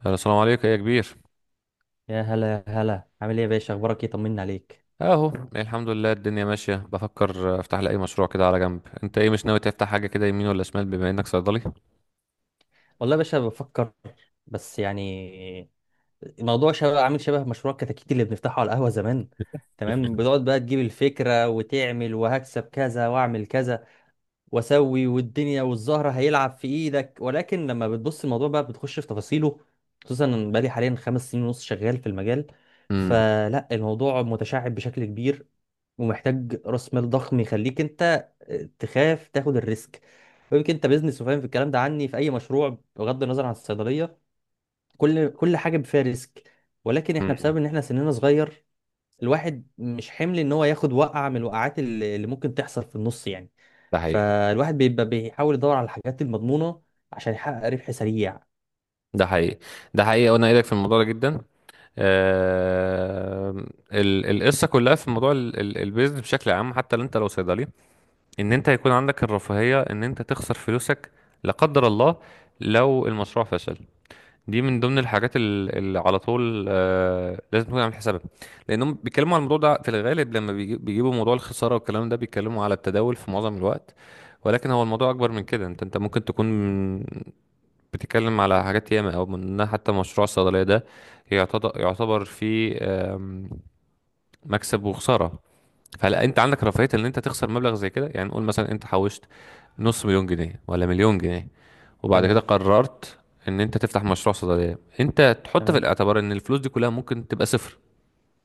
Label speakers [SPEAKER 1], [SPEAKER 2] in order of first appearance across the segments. [SPEAKER 1] هلا، السلام عليكم، ايه يا كبير؟
[SPEAKER 2] يا هلا يا هلا، عامل ايه يا باشا؟ اخبارك ايه؟ طمنا عليك.
[SPEAKER 1] اهو الحمد لله، الدنيا ماشيه. بفكر افتح لي اي مشروع كده على جنب. انت ايه، مش ناوي تفتح حاجه كده يمين ولا شمال بما انك صيدلي؟
[SPEAKER 2] والله يا باشا بفكر، بس يعني الموضوع شبه عامل شبه مشروع كتاكيت اللي بنفتحه على القهوة زمان. تمام، بتقعد بقى تجيب الفكرة وتعمل وهكسب كذا واعمل كذا واسوي، والدنيا والزهرة هيلعب في ايدك، ولكن لما بتبص الموضوع بقى بتخش في تفاصيله، خصوصا إن بقالي حاليا 5 سنين ونص شغال في المجال.
[SPEAKER 1] امم.
[SPEAKER 2] فلا الموضوع متشعب بشكل كبير ومحتاج راس مال ضخم يخليك انت تخاف تاخد الريسك. يمكن انت بيزنس وفاهم في الكلام ده، عني في اي مشروع بغض النظر عن الصيدليه كل حاجه فيها ريسك، ولكن احنا
[SPEAKER 1] امم.
[SPEAKER 2] بسبب ان احنا سننا صغير الواحد مش حمل ان هو ياخد وقعه من الوقعات اللي ممكن تحصل في النص يعني.
[SPEAKER 1] ده حقيقي.
[SPEAKER 2] فالواحد بيبقى بيحاول يدور على الحاجات المضمونه عشان يحقق ربح سريع.
[SPEAKER 1] ده حقيقي. ده حقيقي وانا ايدك في الموضوع ده جدا. آه. القصه كلها في موضوع البيزنس بشكل عام، حتى لو لو صيدلي، ان انت يكون عندك الرفاهيه ان انت تخسر فلوسك، لا قدر الله، لو المشروع فشل. دي من ضمن الحاجات اللي على طول لازم تكون عامل حسابها، لانهم بيتكلموا على الموضوع ده في الغالب، لما بيجيبوا موضوع الخساره والكلام ده بيتكلموا على التداول في معظم الوقت. ولكن هو الموضوع اكبر من كده. انت ممكن تكون بتتكلم على حاجات ياما، او منها حتى مشروع الصيدليه ده يعتبر فيه مكسب وخساره. فهل انت عندك رفاهيه ان انت تخسر مبلغ زي كده؟ يعني نقول مثلا انت حوشت نص مليون جنيه ولا مليون جنيه، وبعد
[SPEAKER 2] تمام.
[SPEAKER 1] كده قررت ان انت تفتح مشروع صيدليه، انت تحط في
[SPEAKER 2] تمام.
[SPEAKER 1] الاعتبار ان الفلوس دي كلها ممكن تبقى صفر.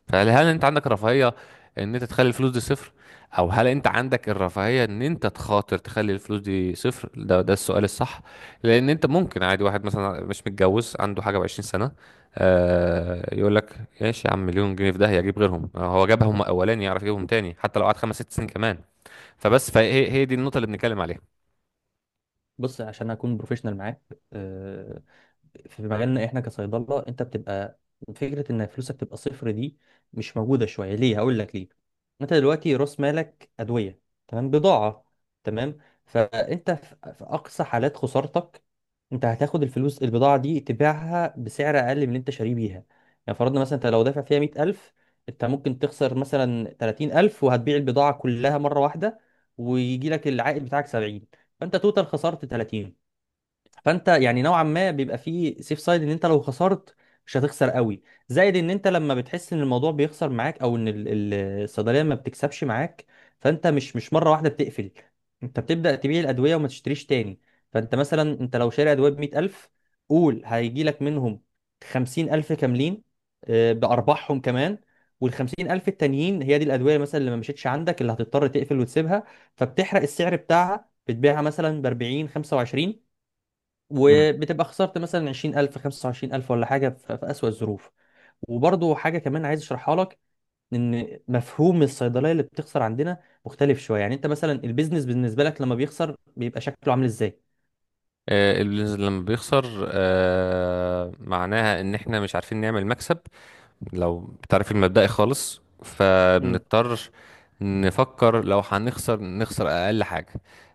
[SPEAKER 1] فهل انت عندك رفاهية ان انت تخلي الفلوس دي صفر؟ او هل انت عندك الرفاهية ان انت تخاطر تخلي الفلوس دي صفر؟ ده السؤال الصح. لان انت ممكن عادي، واحد مثلا مش متجوز، عنده حاجة وعشرين سنة، يقول لك ايش يا عم، مليون جنيه في ده هيجيب غيرهم. هو جابهم اولاني يعرف يجيبهم تاني، حتى لو قعد خمس ست سنين كمان. فبس فهي دي النقطة اللي بنتكلم عليها.
[SPEAKER 2] بص عشان اكون بروفيشنال معاك، آه، في مجالنا احنا كصيدله انت بتبقى فكره ان فلوسك تبقى صفر دي مش موجوده شويه. ليه؟ هقول لك ليه. انت دلوقتي راس مالك ادويه، تمام؟ بضاعه. تمام. فانت في اقصى حالات خسارتك انت هتاخد الفلوس، البضاعه دي تبيعها بسعر اقل من اللي انت شاريه بيها. يعني فرضنا مثلا انت لو دافع فيها 100,000، انت ممكن تخسر مثلا 30,000 وهتبيع البضاعه كلها مره واحده، ويجي لك العائد بتاعك 70. فانت توتال خسرت 30. فانت يعني نوعا ما بيبقى فيه سيف سايد ان انت لو خسرت مش هتخسر قوي. زائد ان انت لما بتحس ان الموضوع بيخسر معاك، او ان الصيدليه ما بتكسبش معاك، فانت مش مره واحده بتقفل. انت بتبدا تبيع الادويه وما تشتريش تاني. فانت مثلا انت لو شاري ادويه ب 100,000، قول هيجي لك منهم 50,000 كاملين بارباحهم كمان. وال 50,000 التانيين هي دي الادويه مثلا اللي ما مشيتش عندك، اللي هتضطر تقفل وتسيبها، فبتحرق السعر بتاعها بتبيعها مثلا ب 40 25،
[SPEAKER 1] مم.
[SPEAKER 2] وبتبقى خسرت مثلا 20,000 25,000 ولا حاجه في اسوأ الظروف. وبرضو حاجه كمان عايز اشرحها لك، ان مفهوم الصيدليه اللي بتخسر عندنا مختلف شويه. يعني انت مثلا البيزنس بالنسبه لك لما بيخسر بيبقى شكله عامل ازاي؟
[SPEAKER 1] اللي لما بيخسر معناها ان احنا مش عارفين نعمل مكسب، لو بتعرف المبدئي خالص، فبنضطر نفكر لو هنخسر نخسر أقل حاجة.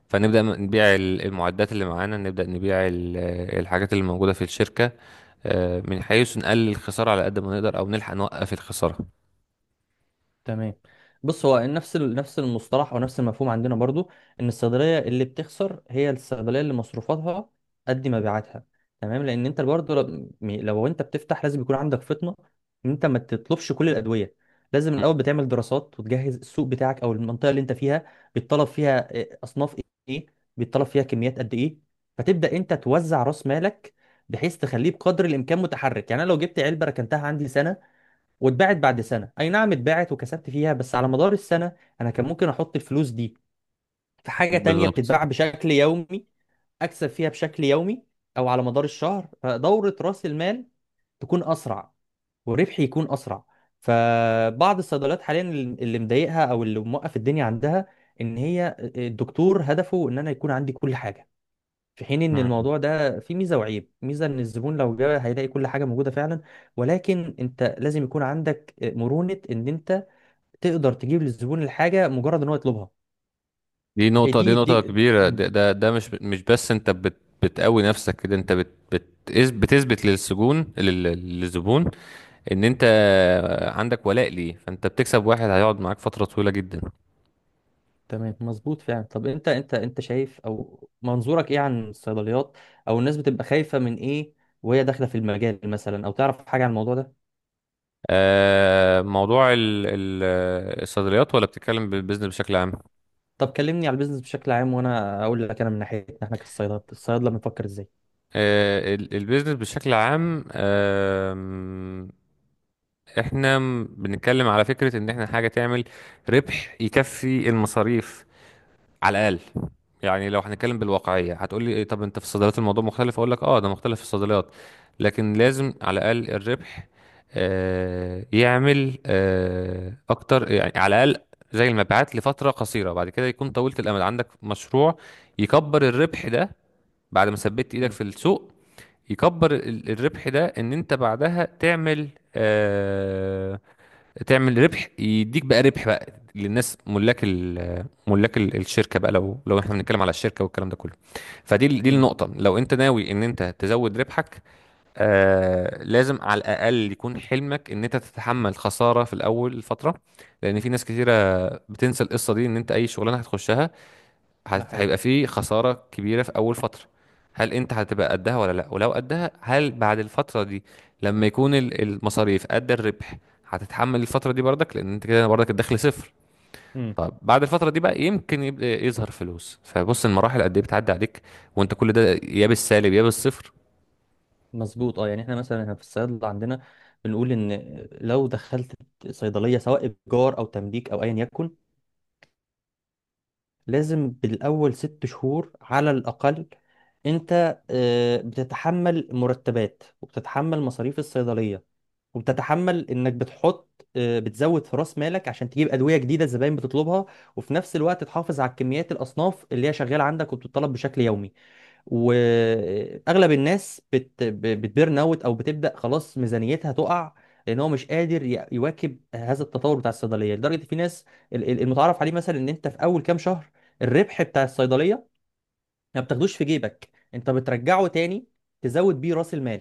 [SPEAKER 1] فنبدأ نبيع المعدات اللي معانا، نبدأ نبيع الحاجات اللي موجودة في الشركة. من حيث نقلل الخسارة على قد ما نقدر، أو نلحق نوقف الخسارة.
[SPEAKER 2] تمام. بص، هو نفس المصطلح او نفس المفهوم عندنا برضو، ان الصيدليه اللي بتخسر هي الصيدليه اللي مصروفاتها قد مبيعاتها. تمام. لان انت برضو لو، لو انت بتفتح لازم يكون عندك فطنه ان انت ما تطلبش كل الادويه. لازم الاول
[SPEAKER 1] مم.
[SPEAKER 2] بتعمل دراسات وتجهز السوق بتاعك او المنطقه اللي انت فيها بيتطلب فيها إيه، اصناف ايه، بيتطلب فيها كميات قد ايه. فتبدا انت توزع راس مالك بحيث تخليه بقدر الامكان متحرك. يعني انا لو جبت علبه ركنتها عندي سنه واتباعت بعد سنة، أي نعم اتباعت وكسبت فيها، بس على مدار السنة أنا كان ممكن أحط الفلوس دي في حاجة تانية
[SPEAKER 1] بالظبط.
[SPEAKER 2] بتتباع بشكل يومي، أكسب فيها بشكل يومي أو على مدار الشهر. فدورة رأس المال تكون أسرع وربحي يكون أسرع. فبعض الصيدليات حاليا اللي مضايقها أو اللي موقف الدنيا عندها إن هي الدكتور هدفه إن أنا يكون عندي كل حاجة، في حين ان
[SPEAKER 1] مم.
[SPEAKER 2] الموضوع ده فيه ميزه وعيب. ميزه ان الزبون لو جه هيلاقي كل حاجه موجوده فعلا، ولكن انت لازم يكون عندك مرونه ان انت تقدر تجيب للزبون الحاجه مجرد ان هو يطلبها.
[SPEAKER 1] دي
[SPEAKER 2] إيه
[SPEAKER 1] نقطة دي
[SPEAKER 2] دي
[SPEAKER 1] نقطة
[SPEAKER 2] دي
[SPEAKER 1] كبيرة.
[SPEAKER 2] مم.
[SPEAKER 1] ده مش بس أنت بتقوي نفسك كده. أنت بت بت بتثبت للسجون للزبون ان انت عندك ولاء ليه، فانت بتكسب واحد هيقعد معاك فترة طويلة جدا.
[SPEAKER 2] تمام، مظبوط فعلا. طب انت شايف او منظورك ايه عن الصيدليات، او الناس بتبقى خايفه من ايه وهي داخله في المجال مثلا، او تعرف حاجه عن الموضوع ده؟
[SPEAKER 1] موضوع الصيدليات ولا بتتكلم بالبيزنس بشكل عام؟
[SPEAKER 2] طب كلمني على البيزنس بشكل عام وانا اقول لك انا من ناحيتنا احنا كالصيدله الصيادله بنفكر ازاي.
[SPEAKER 1] البيزنس بشكل عام. احنا بنتكلم على فكرة ان احنا حاجة تعمل ربح يكفي المصاريف على الاقل. يعني لو هنتكلم بالواقعيه هتقول لي إيه؟ طب انت في الصيدليات الموضوع مختلف؟ اقول لك اه، ده مختلف في الصيدليات، لكن لازم على الاقل الربح يعمل اكتر. يعني على الاقل زي المبيعات لفتره قصيره، بعد كده يكون طويله الامد. عندك مشروع يكبر الربح ده بعد ما ثبت ايدك
[SPEAKER 2] مم.
[SPEAKER 1] في السوق. يكبر الربح ده ان انت بعدها آه، تعمل ربح يديك بقى ربح بقى للناس، ملاك ملاك الشركه بقى، لو احنا بنتكلم على الشركه والكلام ده كله. فدي دي
[SPEAKER 2] مم.
[SPEAKER 1] النقطه، لو انت ناوي ان انت تزود ربحك. لازم على الاقل يكون حلمك ان انت تتحمل خساره في الاول فتره، لان في ناس كتيره بتنسى القصه دي، ان انت اي شغلانه هتخشها
[SPEAKER 2] ده حقيقي.
[SPEAKER 1] هيبقى في خسارة كبيرة في أول فترة. هل أنت هتبقى قدها ولا لأ؟ ولو قدها، هل بعد الفترة دي لما يكون المصاريف قد الربح هتتحمل الفترة دي برضك؟ لأن أنت كده برضك الدخل صفر. طب بعد الفترة دي بقى يمكن يبدأ يظهر فلوس، فبص، المراحل قد إيه بتعدي عليك، وأنت كل ده يا بالسالب يا بالصفر.
[SPEAKER 2] مظبوط. اه يعني احنا مثلا هنا في الصيدله عندنا بنقول ان لو دخلت صيدليه سواء ايجار او تمليك او ايا يكن لازم بالاول 6 شهور على الاقل انت بتتحمل مرتبات وبتتحمل مصاريف الصيدليه، وبتتحمل انك بتحط، بتزود في راس مالك عشان تجيب ادويه جديده الزباين بتطلبها، وفي نفس الوقت تحافظ على كميات الاصناف اللي هي شغاله عندك وبتطلب بشكل يومي. واغلب الناس بتبيرن اوت، او بتبدا خلاص ميزانيتها تقع لان هو مش قادر يواكب هذا التطور بتاع الصيدليه. لدرجه في ناس، المتعارف عليه مثلا ان انت في اول كام شهر الربح بتاع الصيدليه ما بتاخدوش في جيبك، انت بترجعه تاني تزود بيه راس المال.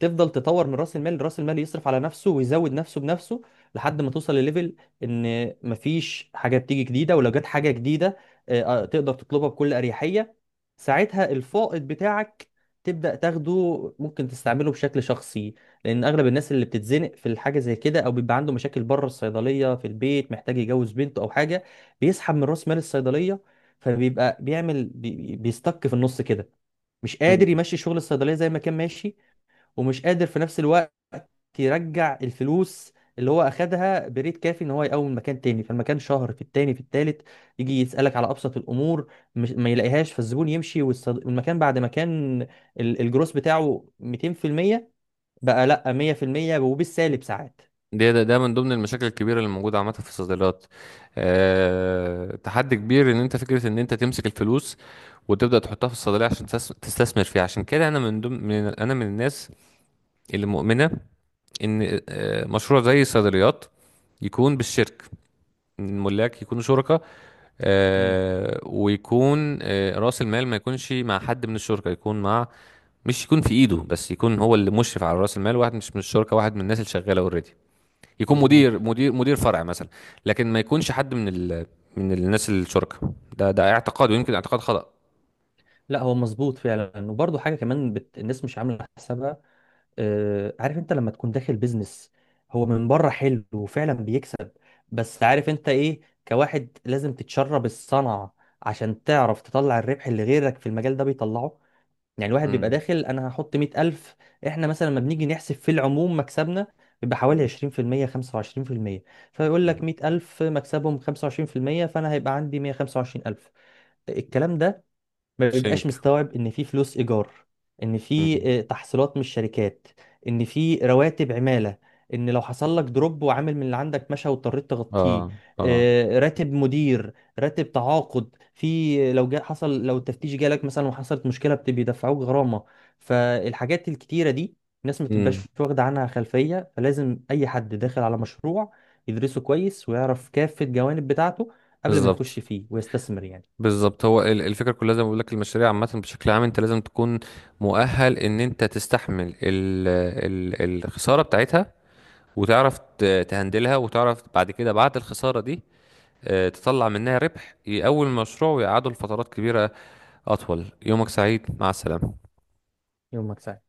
[SPEAKER 2] تفضل تطور من راس المال، راس المال يصرف على نفسه ويزود نفسه بنفسه لحد ما توصل لليفل ان مفيش حاجه بتيجي جديده، ولو جت حاجه جديده تقدر تطلبها بكل اريحيه. ساعتها الفائض بتاعك تبدا تاخده، ممكن تستعمله بشكل شخصي. لان اغلب الناس اللي بتتزنق في الحاجه زي كده او بيبقى عنده مشاكل بره الصيدليه في البيت محتاج يجوز بنته او حاجه بيسحب من راس مال الصيدليه، فبيبقى بيعمل بيستك في النص كده. مش قادر يمشي شغل الصيدليه زي ما كان ماشي، ومش قادر في نفس الوقت يرجع الفلوس اللي هو اخدها بريت كافي ان هو يقوم مكان تاني. فالمكان شهر في التاني في التالت يجي يسالك على ابسط الامور مش ما يلاقيهاش، فالزبون يمشي، والمكان بعد ما كان الجروس بتاعه 200% بقى لا 100% وبالسالب ساعات.
[SPEAKER 1] ده من ضمن المشاكل الكبيره اللي موجوده عامه في الصيدليات. تحدي كبير ان انت، فكره ان انت تمسك الفلوس وتبدا تحطها في الصيدليه عشان تستثمر فيها. عشان كده انا من الناس اللي مؤمنه ان مشروع زي الصيدليات يكون بالشرك، إن الملاك يكونوا شركاء.
[SPEAKER 2] امم.
[SPEAKER 1] ويكون رأس المال ما يكونش مع حد من الشركاء، يكون مع، مش يكون في ايده بس، يكون هو اللي مشرف على رأس المال، واحد مش من الشركاء، واحد من الناس اللي شغالة اوريدي، يكون مدير
[SPEAKER 2] مظبوط.
[SPEAKER 1] مدير مدير فرع مثلا. لكن ما يكونش حد من من الناس الشركاء. ده اعتقاد، ويمكن اعتقاد خطأ.
[SPEAKER 2] لا هو مظبوط فعلا. وبرضه حاجه كمان الناس مش عامله حسابها. عارف انت لما تكون داخل بيزنس هو من بره حلو وفعلا بيكسب، بس عارف انت ايه؟ كواحد لازم تتشرب الصنعة عشان تعرف تطلع الربح اللي غيرك في المجال ده بيطلعه. يعني الواحد بيبقى
[SPEAKER 1] مم.
[SPEAKER 2] داخل انا هحط 100,000. احنا مثلا لما بنيجي نحسب في العموم مكسبنا بيبقى حوالي
[SPEAKER 1] مم.
[SPEAKER 2] 20% 25%. فيقول
[SPEAKER 1] مم.
[SPEAKER 2] لك 100,000 مكسبهم 25%، فأنا هيبقى عندي 125 ألف. الكلام ده ما
[SPEAKER 1] شينك.
[SPEAKER 2] بيبقاش مستوعب ان في فلوس ايجار، ان في
[SPEAKER 1] مم.
[SPEAKER 2] تحصيلات من الشركات، ان في رواتب عماله، ان لو حصل لك دروب وعامل من اللي عندك مشى واضطريت تغطيه،
[SPEAKER 1] اه، اه.
[SPEAKER 2] راتب مدير، راتب تعاقد، في لو جا حصل، لو التفتيش جالك مثلا وحصلت مشكله بيدفعوك غرامه. فالحاجات الكتيره دي الناس ما تبقاش
[SPEAKER 1] مم.
[SPEAKER 2] واخده عنها خلفيه. فلازم اي حد داخل على مشروع يدرسه كويس ويعرف كافه الجوانب بتاعته قبل ما يخش
[SPEAKER 1] بالظبط.
[SPEAKER 2] فيه ويستثمر يعني.
[SPEAKER 1] بالظبط، هو الفكره كلها زي ما بقول لك. المشاريع عامه بشكل عام انت لازم تكون مؤهل ان انت تستحمل الخساره بتاعتها، وتعرف تهندلها، وتعرف بعد كده، بعد الخساره دي، تطلع منها ربح يقوي المشروع ويقعده لفترات كبيره. أطول. يومك سعيد، مع السلامة.
[SPEAKER 2] يومك سعيد.